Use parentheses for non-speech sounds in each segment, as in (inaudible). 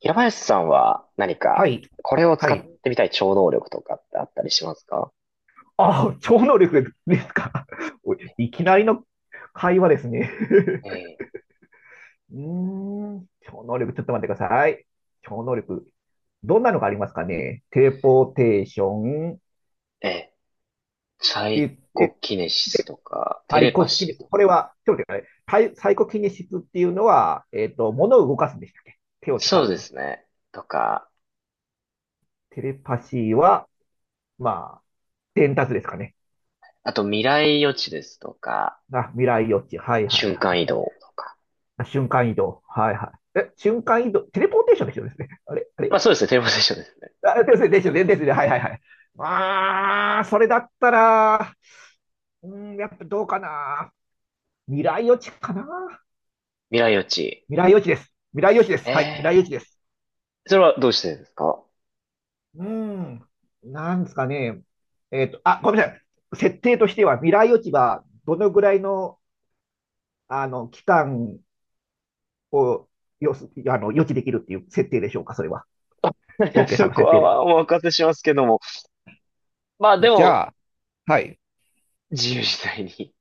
平林さんは何はか、い、これをは使っい。てみたい超能力とかってあったりしますか？ああ、超能力ですか。(laughs) おいいきなりの会話ですね。(laughs) えうーん、超能力、ちょっと待ってください。超能力、どんなのがありますかね。テレポーテーションってーえサ言イって、コキネシスで、とか、テサレイコパキシネーシとス。これか、は、ちょっと待ってください。サイコキネシスっていうのは、物を動かすんでしたっけ手を使そわうずでに。すね。とか、テレパシーは、まあ、伝達ですかね。あと未来予知ですとか、あ、未来予知。はいはい瞬はい。間移動とか。あ瞬間移動。はいはい。え、瞬間移動。テレポーテーションですよですね。(laughs) あれ、あまれ。あそうですね、テレポーテーションですね。あ、ですね、ですよね、ですね。はいはいはい。ああ、それだったら、うーん、やっぱどうかな。未来予知かな。未来予知。未来予知です。未来予知です。えはい、未来予知えです。ー、それはどうしてですか？ うーん、なんですかね。あ、ごめんなさい。設定としては、未来予知はどのぐらいの、あの、期間をあの、予知できるっていう設定でしょうか、それは。(laughs) OK さそんのこ設定ではは。お任せしますけども。まあでじも、ゃあ、はい。自由自在に、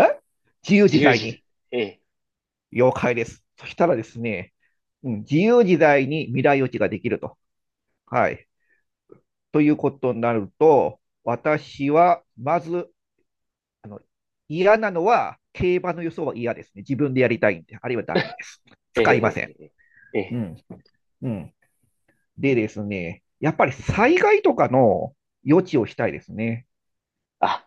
え自由自自由在自、に。了解です。そしたらですね、うん、自由自在に未来予知ができると。はい。ということになると、私は、まず、あの、嫌なのは、競馬の予想は嫌ですね。自分でやりたいんで、あるいはダメです。え使いまえ、せん。ええ、ええ、えうえ、ん。うん。でですね、やっぱり災害とかの予知をしたいですね。あ、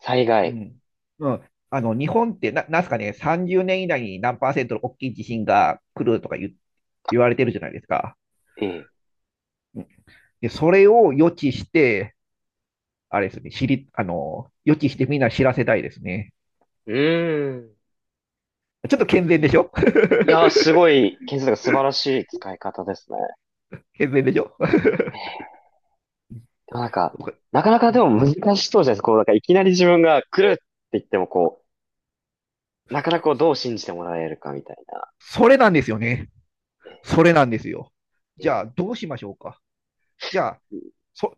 災う害。ん。うん。あの、日本ってなんすかね、30年以内に何パーセントの大きい地震が来るとか言われてるじゃないですか。ええ。うんで、それを予知して、あれですね、あの、予知してみんな知らせたいですね。うーん。ちょっと健全い、でいしょ。 (laughs) やー、すごい、建設が素晴らしい使い方ですね。健全でしょ。ええ。でもなんか、なかなかでも難しそうじゃないですか。こう、なんかいきなり自分が来るって言っても、こう、なかなかこうどう信じてもらえるかみたいな。それなんですよね。えそれなんですよ。じえ、ゃあ、どうしましょうか。じゃあ、そ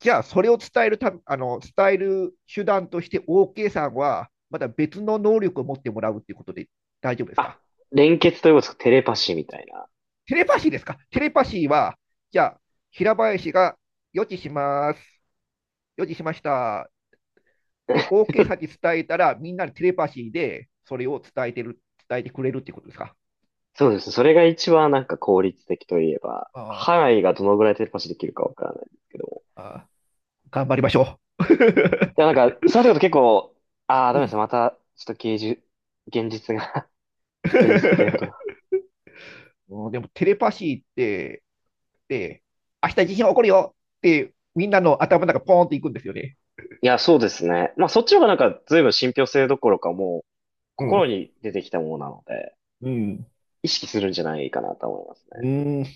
じゃあ、それを伝えるたあの、伝える手段として OK さんは、また別の能力を持ってもらうっていうことで大丈夫ですあ、か。連結ということですか、テレパシーみたいな？テレパシーですか。テレパシーは、じゃあ、平林が予知します。予知しました。で、(laughs) OK さんに伝えたら、みんなにテレパシーでそれを伝えてる、伝えてくれるってことですか。そうですね。それが一番なんか効率的といえば、あ範囲がどのぐらいテレパシーできるかわからないですけど。あ頑張りましょや、なんか、そのると結構、ああ、ダう。(laughs) うメですね。ん。 また、ちょっと芸術、現実が (laughs) 現実的なことが。(laughs) でも、テレパシーって、って、明日地震起こるよって、みんなの頭の中ポーンっていくんですよね。いや、そうですね。まあ、そっちの方がなんか、随分信憑性どころか、もう、う心ん。に出てきたものなので、うん。意識するんじゃないかなと思いますね。うん。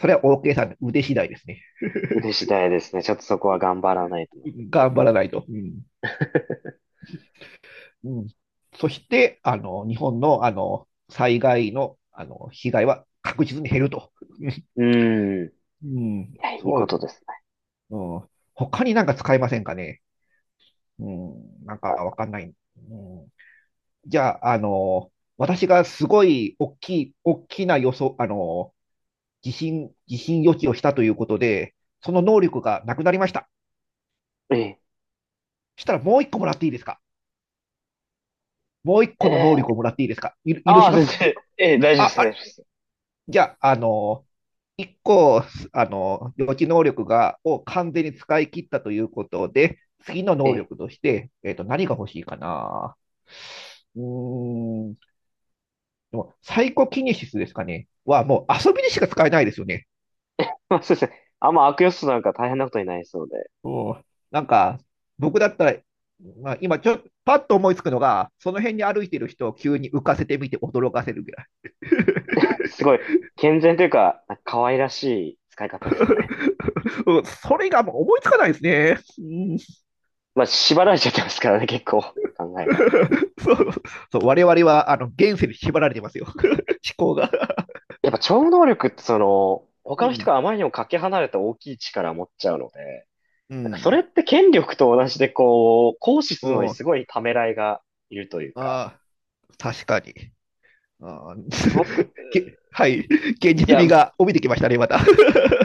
それは OK さんの腕次第ですね。腕次第ですね。ちょっとそこは頑張らないと。頑張らないと。うん。(laughs) うん、そして、あの、日本の、あの、災害の、あの、被害は確実に減ると。(laughs) うーん。いうん。や、いいそうこでとす。ですうん。他になんか使えませんかね。うん。なんかわかんない。うん。じゃあ、あの、私がすごい大きい、大きな予想、あの、疑心、疑心予知をしたということで、その能力がなくなりました。ね。したらもう一個もらっていいですか。もう一ええ、個のえ能力え、をもらっていいですか。許あしあ、ま先すか。生。ええ、大丈夫であ、す、大あ、丈夫です。じゃあ、あの、一個、あの、予知能力を完全に使い切ったということで、次のえ能え。力として、何が欲しいかな。うーん、でもサイコキネシスですかねはもう遊びにしか使えないですよね。まあ、先生あんま悪用するなんか大変なことになりそうで、うん、なんか、僕だったら、まあ、今ちょっと、パッと思いつくのが、その辺に歩いてる人を急に浮かせてみて驚かせるぐらい。(laughs) すごい、健全というか、なんか可愛らしい使い方ですね。うんそれがもう思いつかないですね。うん。 まあ、縛られちゃってますからね、結構、考えが。(laughs) そう、そう、我々はあの現世に縛られてますよ。(laughs) 思考が。やっぱ超能力ってその、う他の人ん。があまりにもかけ離れた大きい力を持っちゃうので、うなんかそん。れって権力と同じでこう、行使すうるのにん。すごいためらいがいるというか、ああ、確かに。ああ。 僕、(laughs) はい。現い実や、味いが帯びてきましたね、また。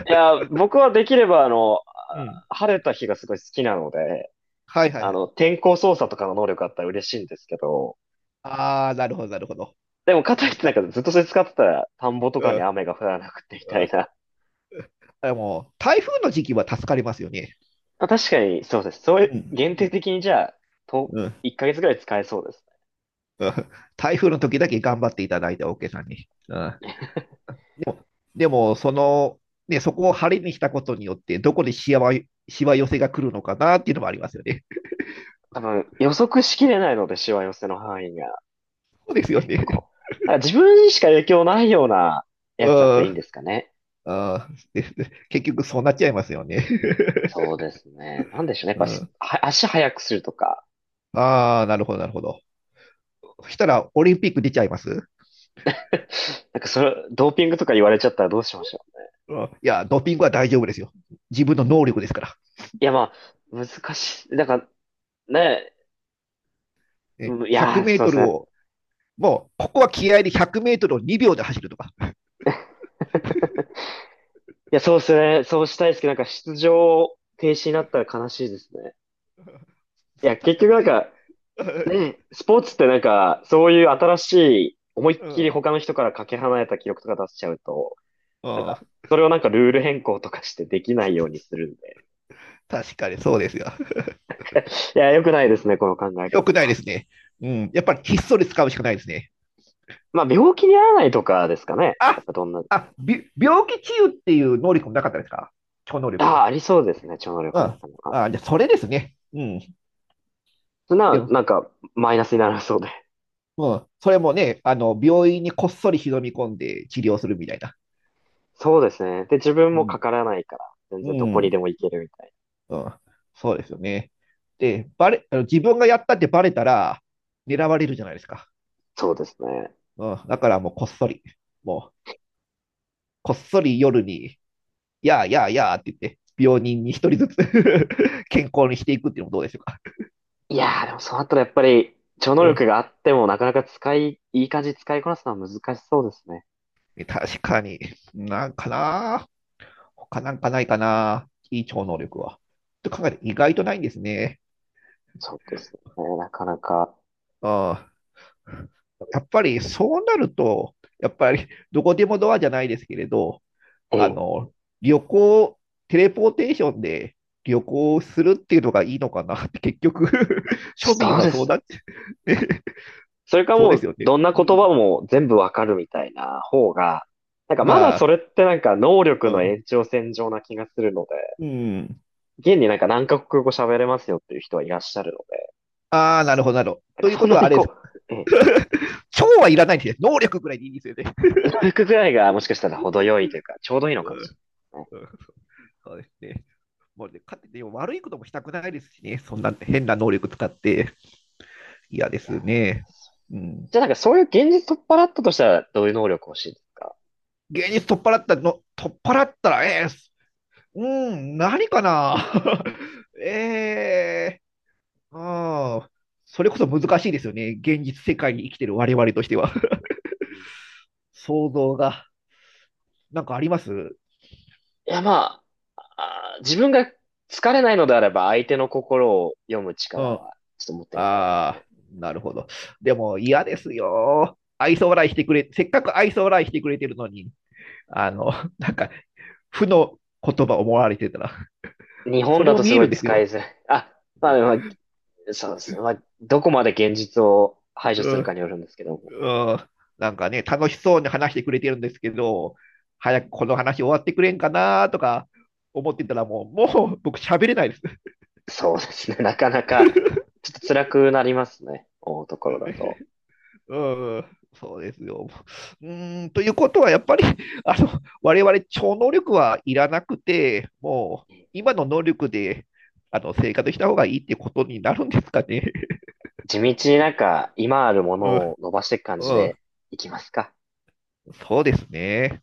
や、僕はできれば(laughs) うん。晴れた日がすごい好きなので、はいはいはい。天候操作とかの能力あったら嬉しいんですけど、ああ、なるほど、なるほど。でも、かとういっん、てなんあ、かずっとそれ使ってたら、田んぼとかうにん。雨が降らなくてみたいな。(laughs) でも台風の時期は助かりますよね。まあ、確かに、そうです。そういうう、限定ん。的にじゃあ、と、うんうん。1ヶ月ぐらい使えそうですね。台風の時だけ頑張っていただいて、オーケーさんに。うん。でも、その、ね、そこを晴れにしたことによって、どこでしわ、しわ寄せが来るのかなっていうのもありますよね。多分、予測しきれないので、しわ寄せの範囲が。そうですよ結構。ね。だから自分にしか影響ないようなやつだとういいんん。ですかね。うんです結局、そうなっちゃいますよね。そうですね。なんでしょうね。やっ (laughs) うぱす、ん、は足速くするとか。ああ、なるほど、なるほど。そしたら、オリンピック出ちゃいます。なんかそれ、ドーピングとか言われちゃったらどうしましょう。うんいや、ドーピングは大丈夫ですよ。自分の能力ですから。いや、まあ、難しい。なんか、ね、ねうん、い100やメー、ーそうトですルね。を。もう、ここは気合で100メートルを2秒で走るとか。(laughs) いや、そうですね。そうしたいですけど、なんか出場停止になったら悲しいですね。(laughs) いそや、う確結か局になんぜ、か、ね、 (laughs) スポーツってなんか、そういううん、新しい、思いっうきん、りうん。他の人からかけ離れた記録とか出しちゃうと、なんか、それをなんかルール変更とかしてできないようにするんで。確かにそうですよ。いや、良くないですね、この考えよく方ないは。ですね。うん、やっぱりひっそり使うしかないですね。まあ、病気にならないとかですかね。やあ、っぱどんな、あ、病気治癒っていう能力もなかったですか。超能力あに。あ、ありそうですね、超能う力のん。中には。あ、じゃあそれですね。うん。そんでな、も、なんか、マイナスにならそうで。うん、それもね、あの、病院にこっそり忍び込んで治療するみたいな。そうですね。で、自分うもかん。からないから、全然どうこにんでも行けるみたいな。うん、そうですよね。で、あの自分がやったってバレたら、狙われるじゃないですか。そうですね。うん、だからもうこっそり、もう、こっそり夜に、やあやあやあって言って、病人に一人ずつ (laughs) 健康にしていくっていうのもどうでしょうか。いやー、でもそうなったらやっぱり、超能う力ん。があってもなかなかいい感じに使いこなすのは難しそうですね。確かに、なんかな他なんかないかないい超能力は。と考えて意外とないんですね。そうですね。なかなか。うん。やっぱりそうなると、やっぱりどこでもドアじゃないですけれど、えあえ、の、旅行、テレポーテーションで旅行するっていうのがいいのかなって、結局。 (laughs) 庶民そうはでそうすなね。っちゃうね。それ (laughs) かそうもですう、よね。どんなう言ん。葉も全部わかるみたいな方が、なんかまだはそれってなんか能い、力うのん。延長線上な気がするのうん。で、現になんか何カ国語喋れますよっていう人はいらっしゃるので、ああ、なるほど、なるほど。なんというかそこんとなはあにれです。こう、ええ、(laughs) 超はいらないんですね。能力ぐらいでいいんですよね。能力ぐらいがもしかしたら程よいというか、ちょうどいいのかうもんしれないですね。うんそうですね。もうね、かで悪いこともしたくないですしね。そんな変な能力使って嫌ですね。うん。じゃあなんかそういう現実取っ払ったとしたらどういう能力欲しいですか？芸術取っ払ったら、うん、何かな。 (laughs) ええーああ、それこそ難しいですよね。現実世界に生きてる我々としては。うん、い (laughs) 想像が、なんかありますうや、まあ、自分が疲れないのであれば相手の心を読むん。力あはちょっと持ってみたいですあ、ね。なるほど。でも嫌ですよ。愛想笑いしてくれ、せっかく愛想笑いしてくれてるのに、あの、なんか、負の言葉を思われてたら、日そ本れだをと見すえごるんいです使いよ。づらい。あ、まあまあそうですね。まあ、どこまで現実を排除うするかんによるんですけども。うんなんかね、楽しそうに話してくれてるんですけど、早くこの話終わってくれんかなとか思ってたらもう、もう僕喋れないです。そうですね。(laughs) なかなか (laughs) ちょっと辛くなりますね。思うところだねと。うんそうですよ。うーん、ということは、やっぱり、(laughs) あの、我々超能力はいらなくて、もう、今の能力で、あの、生活した方がいいってことになるんですかね。地道になんか今あるも (laughs) うのん、を伸ばしていく感じうでん、いきますか？そうですね。